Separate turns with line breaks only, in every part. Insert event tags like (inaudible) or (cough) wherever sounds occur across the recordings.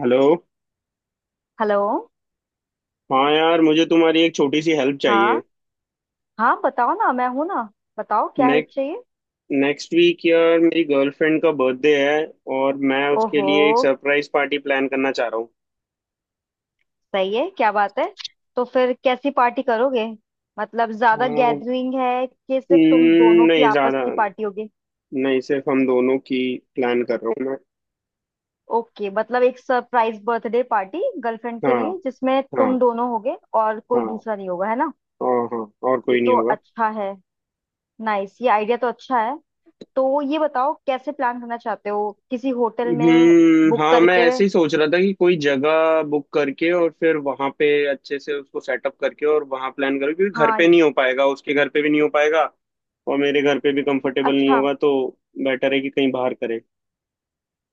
Hello.
Hello.
हाँ यार, मुझे तुम्हारी एक छोटी सी हेल्प चाहिए।
हाँ। हाँ, बताओ ना, मैं हूं ना। बताओ क्या हेल्प
नेक,
चाहिए।
नेक्स्ट वीक यार मेरी गर्लफ्रेंड का बर्थडे है, और मैं उसके
ओहो,
लिए एक सरप्राइज पार्टी प्लान करना चाह रहा हूँ।
सही है, क्या बात है। तो फिर कैसी पार्टी करोगे? मतलब ज्यादा
हाँ।
गैदरिंग है कि सिर्फ तुम दोनों की
नहीं
आपस
ज़्यादा,
की पार्टी होगी?
नहीं सिर्फ हम दोनों की। प्लान कर रहा हूँ मैं।
ओके, मतलब एक सरप्राइज बर्थडे पार्टी गर्लफ्रेंड के
हाँ,
लिए जिसमें
हाँ,
तुम दोनों होगे और कोई
हाँ।
दूसरा नहीं होगा, है ना।
और हाँ, और
ये
कोई नहीं
तो
होगा।
अच्छा है। नाइस, ये आइडिया तो अच्छा है। तो ये बताओ, कैसे प्लान करना चाहते हो, किसी होटल में?
हम्म।
बुक
हाँ, मैं
करके?
ऐसे ही सोच रहा था कि कोई जगह बुक करके और फिर वहां पे अच्छे से उसको सेटअप करके और वहां प्लान करो, क्योंकि घर
हाँ।
पे नहीं हो पाएगा, उसके घर पे भी नहीं हो पाएगा, और मेरे घर पे भी कंफर्टेबल नहीं
अच्छा,
होगा, तो बेटर है कि कहीं बाहर करें।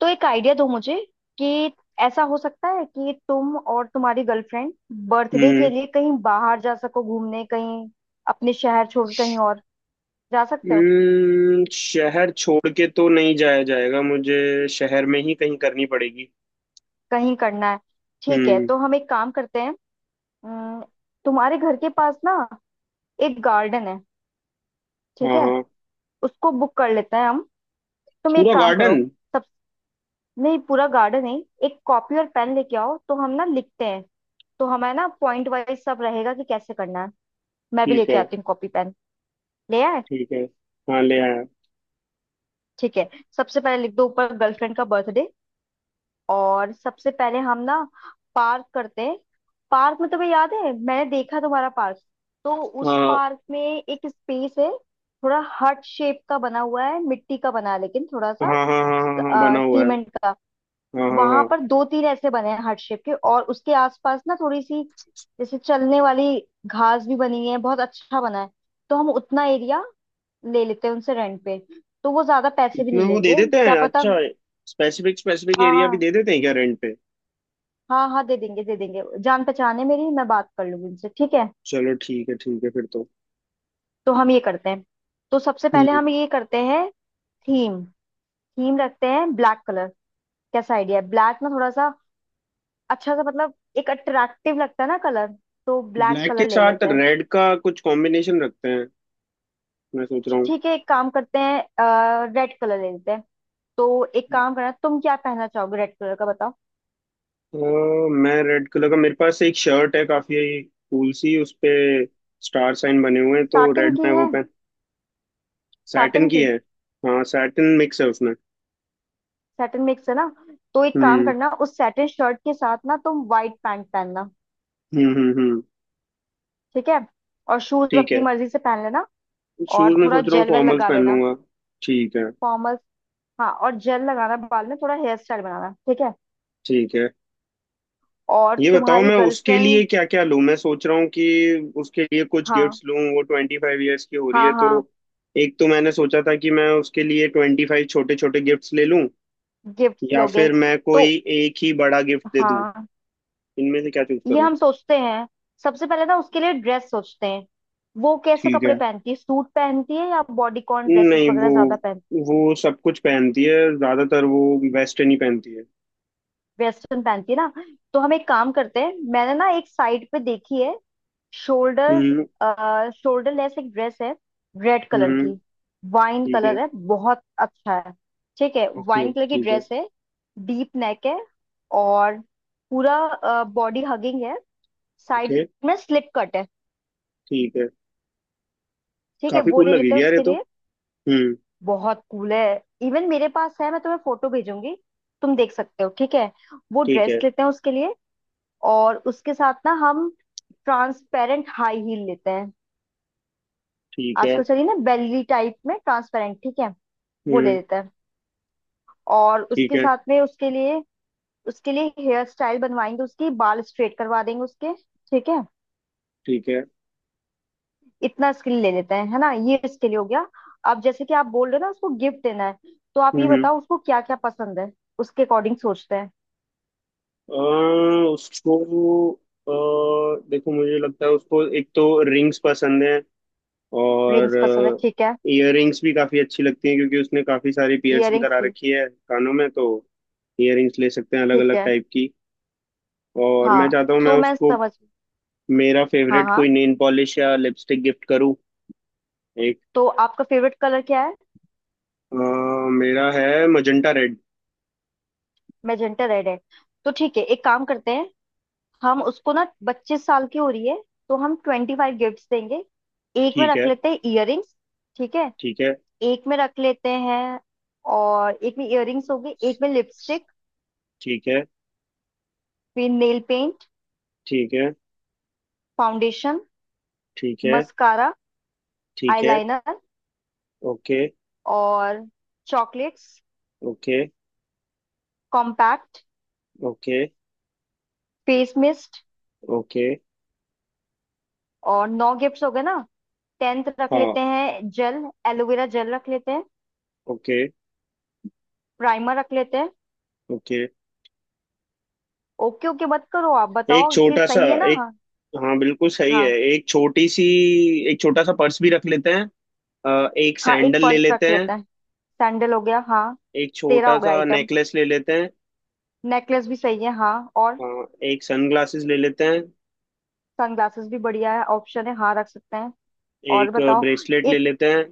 तो एक आइडिया दो मुझे कि ऐसा हो सकता है कि तुम और तुम्हारी गर्लफ्रेंड बर्थडे के
हम्म।
लिए कहीं बाहर जा सको, घूमने कहीं। अपने शहर छोड़ कहीं और जा सकते हो।
शहर छोड़ के तो नहीं जाया जाएगा, मुझे शहर में ही कहीं करनी पड़ेगी।
कहीं करना है? ठीक है,
हम्म।
तो हम एक काम करते हैं। अम, तुम्हारे घर के पास ना एक गार्डन है, ठीक
हाँ,
है?
हाँ।
उसको बुक कर लेते हैं हम। तुम एक
पूरा
काम करो।
गार्डन।
सब। नहीं, पूरा गार्डन नहीं, एक कॉपी और पेन लेके आओ तो हम ना लिखते हैं। तो हमें ना पॉइंट वाइज सब रहेगा कि कैसे करना है। मैं भी
ठीक
लेके
है।
आती हूँ कॉपी पेन। ले आए?
ठीक है। हाँ, ले आया।
ठीक है। सबसे पहले लिख दो ऊपर, गर्लफ्रेंड का बर्थडे। और सबसे पहले हम ना पार्क करते हैं। पार्क में, तुम्हें याद है मैंने देखा तुम्हारा पार्क? तो उस
हाँ,
पार्क में एक स्पेस है, थोड़ा हर्ट शेप का बना हुआ है, मिट्टी का बना है लेकिन थोड़ा
हाँ,
सा
हाँ, हाँ, हाँ, हाँ बना हुआ है।
सीमेंट का।
हाँ, हाँ,
वहां
हाँ।
पर दो तीन ऐसे बने हैं हर्ट शेप के, और उसके आसपास ना थोड़ी सी, जैसे चलने वाली, घास भी बनी है, बहुत अच्छा बना है। तो हम उतना एरिया ले लेते हैं उनसे रेंट पे, तो वो ज्यादा पैसे भी
इतना
नहीं
वो दे
लेंगे।
देते
क्या
हैं,
पता।
अच्छा। स्पेसिफिक स्पेसिफिक एरिया भी
हाँ
दे देते हैं क्या रेंट पे?
हाँ हाँ, दे देंगे दे देंगे, जान पहचान है मेरी, मैं बात कर लूंगी उनसे, ठीक है।
चलो ठीक है, ठीक है फिर तो।
तो हम ये करते हैं। तो सबसे पहले
हम्म।
हम ये करते हैं। थीम, थीम रखते हैं ब्लैक कलर। कैसा आइडिया है? ब्लैक ना थोड़ा सा अच्छा सा मतलब एक अट्रैक्टिव लगता है ना कलर। तो ब्लैक
ब्लैक के
कलर ले
साथ
लेते हैं।
रेड का कुछ कॉम्बिनेशन रखते हैं, मैं सोच रहा हूँ।
ठीक है, एक काम करते हैं। रेड कलर ले लेते हैं। तो एक काम करना, तुम क्या पहनना चाहोगे रेड कलर का, बताओ।
अ, मैं रेड कलर का, मेरे पास एक शर्ट है काफी कूल सी, उस पे स्टार साइन बने हुए हैं, तो
साटन
रेड
की
में वो
है?
पहन। सैटिन
साटन
की
की।
है। हाँ, सैटिन मिक्स है उसमें।
साटन मिक्स है ना। तो एक काम
हम्म
करना उस साटन शर्ट के साथ ना, तुम व्हाइट पैंट पहनना।
हम्म। हम्म।
ठीक है। और शूज
ठीक
अपनी
है।
मर्जी से पहन लेना। और
शूज में
थोड़ा
सोच रहा हूँ
जेल वेल
फॉर्मल्स
लगा
पहन
लेना।
लूंगा। ठीक है।
फॉर्मल। हाँ, और जेल लगाना बाल में, थोड़ा हेयर स्टाइल बनाना, ठीक है।
ठीक है।
और
ये बताओ
तुम्हारी
मैं उसके लिए
गर्लफ्रेंड।
क्या क्या लूं। मैं सोच रहा हूँ कि उसके लिए कुछ
हाँ
गिफ्ट्स लूं, वो 25 ईयर्स की हो रही
हाँ
है, तो
हाँ।
एक तो मैंने सोचा था कि मैं उसके लिए 25 छोटे छोटे गिफ्ट्स ले लूं,
गिफ्ट्स
या
लोगे?
फिर मैं
तो
कोई एक ही बड़ा गिफ्ट दे दूं।
हाँ,
इनमें से क्या चूज
ये
करूं?
हम सोचते हैं। सबसे पहले ना उसके लिए ड्रेस सोचते हैं। वो कैसे
ठीक
कपड़े
है।
पहनती है, सूट पहनती है या बॉडीकॉन ड्रेसेस
नहीं, वो
वगैरह ज्यादा पहनती है?
वो सब कुछ पहनती है, ज्यादातर वो वेस्टर्न ही पहनती है।
वेस्टर्न पहनती है ना। तो हम एक काम करते हैं, मैंने ना एक साइट पे देखी है।
हम्म।
शोल्डर शोल्डर लेस एक ड्रेस है, रेड कलर
हम्म।
की। वाइन
ठीक है।
कलर है, बहुत अच्छा है। ठीक है,
ओके,
वाइन कलर की
ठीक है।
ड्रेस है। डीप नेक है, और पूरा बॉडी हगिंग है। साइड
ओके,
में स्लिप कट है।
ठीक है।
ठीक है,
काफी
वो
कूल
ले लेते हैं
लगेगी यार ये
उसके
तो।
लिए।
हम्म।
बहुत कूल है, इवन मेरे पास है, मैं तुम्हें फोटो भेजूंगी, तुम देख सकते हो, ठीक है। वो
ठीक
ड्रेस
है।
लेते हैं उसके लिए। और उसके साथ ना हम ट्रांसपेरेंट हाई हील लेते हैं।
ठीक है।
आजकल चलिए ना बेली टाइप में ट्रांसपेरेंट, ठीक है। वो ले
हम्म।
लेते हैं। और
ठीक
उसके
है।
साथ में उसके लिए, उसके लिए हेयर स्टाइल बनवाएंगे, उसकी बाल स्ट्रेट करवा देंगे उसके। ठीक है,
ठीक है।
इतना इसके लिए ले लेते हैं, है ना, ये इसके लिए हो गया। अब जैसे कि आप बोल रहे हो ना उसको गिफ्ट देना है, तो आप ये
हम्म।
बताओ उसको क्या क्या पसंद है, उसके अकॉर्डिंग सोचते हैं।
अ, उसको। देखो, मुझे लगता है उसको एक तो रिंग्स पसंद है, और
रिंग्स पसंद है, ठीक है।
इयररिंग्स भी काफी अच्छी लगती हैं, क्योंकि उसने काफी सारी पियर्सिंग
इयररिंग्स
करा
भी,
रखी है कानों में, तो इयररिंग्स ले सकते हैं अलग
ठीक
अलग
है।
टाइप की। और मैं
हाँ
चाहता हूँ मैं
तो मैं
उसको
समझ।
मेरा
हाँ
फेवरेट
हाँ।
कोई नेल पॉलिश या लिपस्टिक गिफ्ट करूँ एक।
तो आपका फेवरेट कलर क्या है?
अ, मेरा है मजेंटा रेड।
मैजेंटा रेड है। तो ठीक है, एक काम करते हैं। हम उसको ना 25 साल की हो रही है, तो हम 25 गिफ्ट देंगे। एक में
ठीक
रख
है।
लेते हैं इयररिंग्स। ठीक है।
ठीक है।
एक में रख लेते हैं, और एक में इयररिंग्स हो गई, एक में लिपस्टिक,
ठीक है।
फिर नेल पेंट,
ठीक है।
फाउंडेशन,
ठीक है।
मस्कारा,
ठीक है।
Eyeliner,
okay.
और chocolates,
okay.
Compact,
okay.
Face mist,
okay.
और नौ गिफ्ट्स हो गए ना। टेंथ रख लेते
हाँ।
हैं जेल, एलोवेरा जेल रख लेते हैं।
ओके।
प्राइमर रख लेते हैं।
ओके।
ओके ओके मत करो, आप
एक
बताओ ये
छोटा सा,
सही है ना।
एक,
हाँ।
हाँ बिल्कुल सही है।
हाँ
एक छोटी सी, एक छोटा सा पर्स भी रख लेते हैं। एक
हाँ, एक
सैंडल ले
पर्स
लेते
रख
हैं।
लेते हैं, सैंडल हो गया, हाँ।
एक
तेरा
छोटा
हो गया
सा
आइटम।
नेकलेस ले लेते हैं।
नेकलेस भी सही है, हाँ। और
एक सनग्लासेस ले लेते हैं।
सनग्लासेस भी बढ़िया है, ऑप्शन है, हाँ रख सकते हैं। और
एक
बताओ।
ब्रेसलेट ले
एक,
लेते हैं।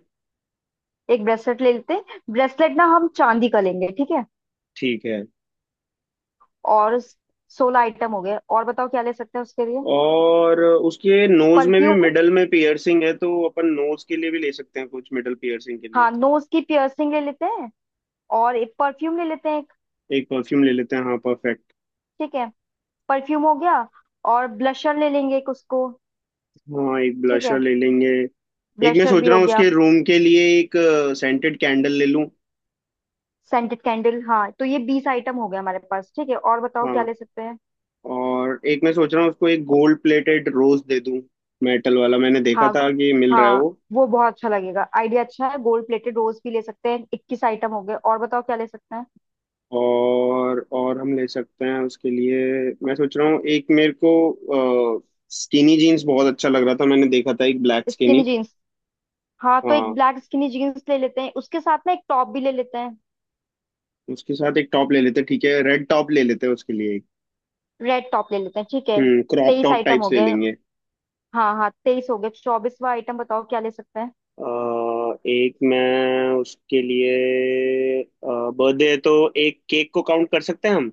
एक ब्रेसलेट ले लेते हैं। ब्रेसलेट ना हम चांदी का लेंगे, ठीक है।
ठीक है।
और 16 आइटम हो गए, और बताओ क्या ले सकते हैं उसके लिए।
और उसके नोज में भी
परफ्यूम।
मिडल में पियर्सिंग है, तो अपन नोज के लिए भी ले सकते हैं कुछ मिडल पियर्सिंग के
हाँ,
लिए।
नोज की पियर्सिंग ले लेते हैं। और एक परफ्यूम ले लेते हैं एक,
एक परफ्यूम ले लेते हैं, हाँ परफेक्ट।
ठीक है, परफ्यूम हो गया। और ब्लशर ले लेंगे एक उसको,
हाँ, एक
ठीक
ब्लशर
है।
ले लेंगे। एक मैं
ब्लशर
सोच
भी
रहा
हो
हूँ
गया।
उसके रूम के लिए एक सेंटेड कैंडल ले लूँ।
सेंटेड कैंडल, हाँ, तो ये 20 आइटम हो गया हमारे पास, ठीक है, और बताओ क्या
हाँ।
ले सकते हैं।
और एक मैं सोच रहा हूँ उसको एक गोल्ड प्लेटेड रोज दे दूँ, मेटल वाला, मैंने देखा
हाँ
था कि मिल रहा है
हाँ,
वो।
वो बहुत अच्छा लगेगा आइडिया, अच्छा है। गोल्ड प्लेटेड रोज भी ले सकते हैं, 21 आइटम हो गए, और बताओ क्या ले सकते हैं।
और हम ले सकते हैं उसके लिए। मैं सोच रहा हूँ एक मेरे को स्किनी जीन्स बहुत अच्छा लग रहा था, मैंने देखा था एक ब्लैक
स्किनी
स्किनी।
जीन्स, हाँ, तो एक
हाँ,
ब्लैक स्किनी जीन्स ले लेते हैं, उसके साथ ना एक टॉप भी ले लेते हैं।
उसके साथ एक टॉप ले लेते ठीक है, रेड टॉप ले लेते हैं उसके लिए एक।
रेड टॉप ले लेते हैं, ठीक है।
हम्म, क्रॉप
तेईस
टॉप
आइटम
टाइप
हो
से ले
गए।
लेंगे।
हाँ हाँ, 23 हो गए, 24वां आइटम बताओ क्या ले सकते हैं।
अ, एक मैं उसके लिए, बर्थडे है, तो एक केक को काउंट कर सकते हैं हम।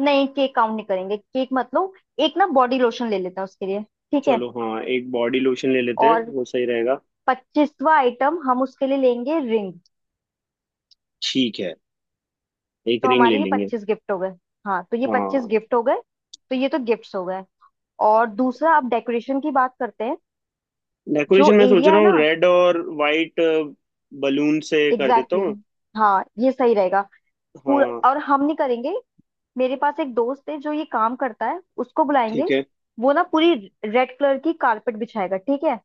नहीं, केक काउंट नहीं करेंगे, केक मतलब। एक ना बॉडी लोशन ले लेते हैं उसके लिए, ठीक है।
चलो हाँ, एक बॉडी लोशन ले लेते हैं,
और
वो सही रहेगा।
25वां आइटम हम उसके लिए लेंगे रिंग।
ठीक है। एक
तो
रिंग ले
हमारे ये
लेंगे।
25 गिफ्ट हो गए। हाँ, तो ये पच्चीस
हाँ।
गिफ्ट हो गए। तो ये तो गिफ्ट्स हो गए, और दूसरा अब डेकोरेशन की बात करते हैं। जो
डेकोरेशन मैं सोच
एरिया
रहा
है
हूँ
ना,
रेड और वाइट बलून से कर देता
एग्जैक्टली
हूँ।
exactly, हाँ ये सही रहेगा। पूरा
हाँ।
और हम नहीं करेंगे, मेरे पास एक दोस्त है जो ये काम करता है, उसको बुलाएंगे।
ठीक है।
वो ना पूरी रेड कलर की कारपेट बिछाएगा, ठीक है।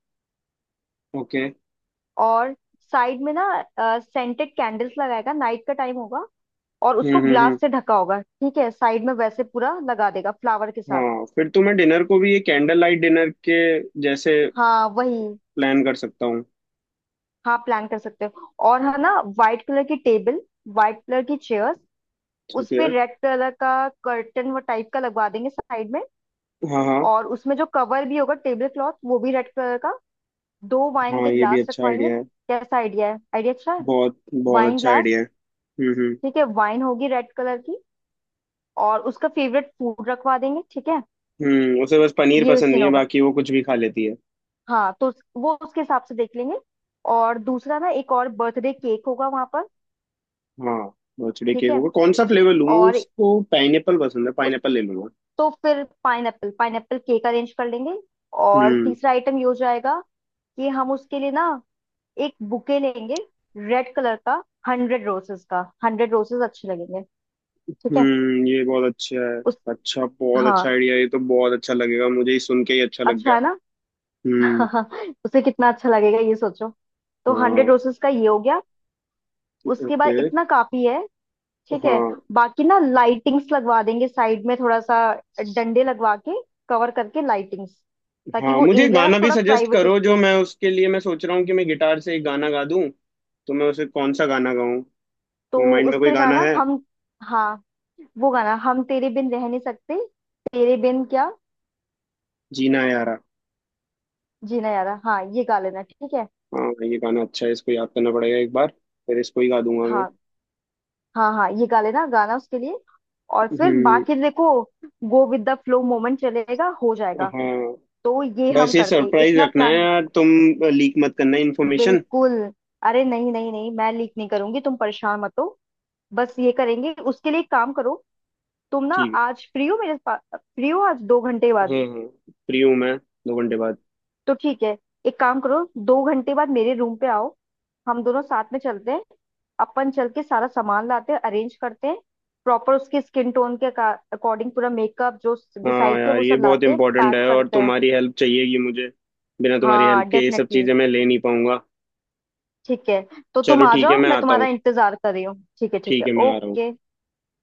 ओके।
और साइड में ना सेंटेड कैंडल्स लगाएगा, नाइट का टाइम होगा, और
हम्म।
उसको
हम्म। हम्म।
ग्लास से ढका होगा, ठीक है, साइड में वैसे पूरा लगा देगा फ्लावर के साथ।
हाँ, फिर तो मैं डिनर को भी ये कैंडल लाइट डिनर के जैसे
हाँ वही।
प्लान कर सकता हूँ।
हाँ, प्लान कर सकते हो, और है ना, व्हाइट कलर की टेबल, व्हाइट कलर की चेयर्स, उस
ठीक
पे
है।
रेड कलर का कर्टन वो टाइप का लगवा देंगे साइड में।
हाँ, हाँ।
और उसमें जो कवर भी होगा टेबल क्लॉथ वो भी रेड कलर का। दो वाइन
हाँ,
के
ये भी
ग्लास
अच्छा
रखवाएंगे।
आइडिया है।
कैसा आइडिया है? आइडिया अच्छा है।
बहुत बहुत
वाइन
अच्छा
ग्लास।
आइडिया है। हम्म। हम्म।
ठीक है, वाइन होगी रेड कलर की। और उसका फेवरेट फूड रखवा देंगे, ठीक है।
उसे बस पनीर
ये
पसंद
सीन
नहीं है,
होगा।
बाकी वो कुछ भी खा लेती है।
हाँ, तो वो उसके हिसाब से देख लेंगे। और दूसरा ना एक और बर्थडे केक होगा वहां पर,
हाँ। बर्थडे
ठीक
केक
है।
होगा, कौन सा फ्लेवर लूँ मैं?
और
उसको पाइनएप्पल पसंद है, पाइनएप्पल ले लूंगा।
तो फिर पाइनएप्पल, पाइनएप्पल केक अरेंज कर लेंगे। और
हम्म।
तीसरा आइटम ये हो जाएगा कि हम उसके लिए ना एक बुके लेंगे, रेड कलर का, 100 रोसेस का। 100 रोसेस अच्छे लगेंगे, ठीक है।
हम्म, ये बहुत अच्छा है।
उस।
अच्छा, बहुत अच्छा
हाँ
आइडिया, ये तो बहुत अच्छा लगेगा, मुझे ही सुन के ही अच्छा लग
अच्छा
गया।
है ना।
हम्म।
(laughs) उसे कितना अच्छा लगेगा ये सोचो। तो हंड्रेड
हाँ।
रोसेस का ये हो गया। उसके बाद
ओके।
इतना काफी है, ठीक है।
हाँ,
बाकी ना लाइटिंग्स लगवा देंगे साइड में थोड़ा सा, डंडे लगवा के कवर करके लाइटिंग्स, ताकि
हाँ,
वो
मुझे
एरिया ना
गाना भी
थोड़ा
सजेस्ट
प्राइवेट
करो, जो
स्पेस।
मैं उसके लिए मैं सोच रहा हूँ कि मैं गिटार से एक गाना गा दूँ, तो मैं उसे कौन सा गाना गाऊँ?
तो
तो माइंड में कोई
उसका
गाना
गाना
है?
हम, हाँ, वो गाना हम, तेरे बिन रह नहीं सकते, तेरे बिन क्या,
जीना यारा।
जीना यारा, हाँ ये गा लेना, ठीक है।
हाँ, ये गाना अच्छा है, इसको याद करना पड़ेगा एक बार, फिर इसको ही गा दूंगा मैं।
हाँ हाँ हाँ, ये गा लेना गाना उसके लिए। और फिर
हम्म।
बाकी देखो, go with the flow moment चलेगा, हो जाएगा।
हाँ।
तो ये हम
बस ये
करते
सरप्राइज
इतना
रखना है
प्लान।
यार तुम, लीक मत करना इन्फॉर्मेशन।
बिल्कुल। अरे नहीं नहीं नहीं, मैं लीक नहीं करूंगी, तुम परेशान मत हो। बस ये करेंगे उसके लिए। एक काम करो, तुम ना
ठीक
आज फ्री हो? मेरे पास फ्री हो आज 2 घंटे बाद?
है, हाँ हाँ, फ्री हूँ मैं 2 घंटे बाद।
तो ठीक है, एक काम करो, 2 घंटे बाद मेरे रूम पे आओ, हम दोनों साथ में चलते हैं, अपन चल के सारा सामान लाते हैं, अरेंज करते हैं, प्रॉपर उसके स्किन टोन के अकॉर्डिंग पूरा मेकअप जो
हाँ
डिसाइड किया
यार,
वो
ये
सब
बहुत
लाते हैं,
इंपॉर्टेंट
पैक
है और
करते हैं।
तुम्हारी हेल्प चाहिएगी मुझे, बिना तुम्हारी
हाँ
हेल्प के ये सब
डेफिनेटली,
चीज़ें मैं ले नहीं पाऊंगा।
ठीक है। तो तुम
चलो
आ
ठीक है,
जाओ,
मैं
मैं
आता
तुम्हारा
हूँ।
इंतजार कर रही हूँ, ठीक है, ठीक
ठीक
है,
है, मैं आ रहा हूँ।
ओके।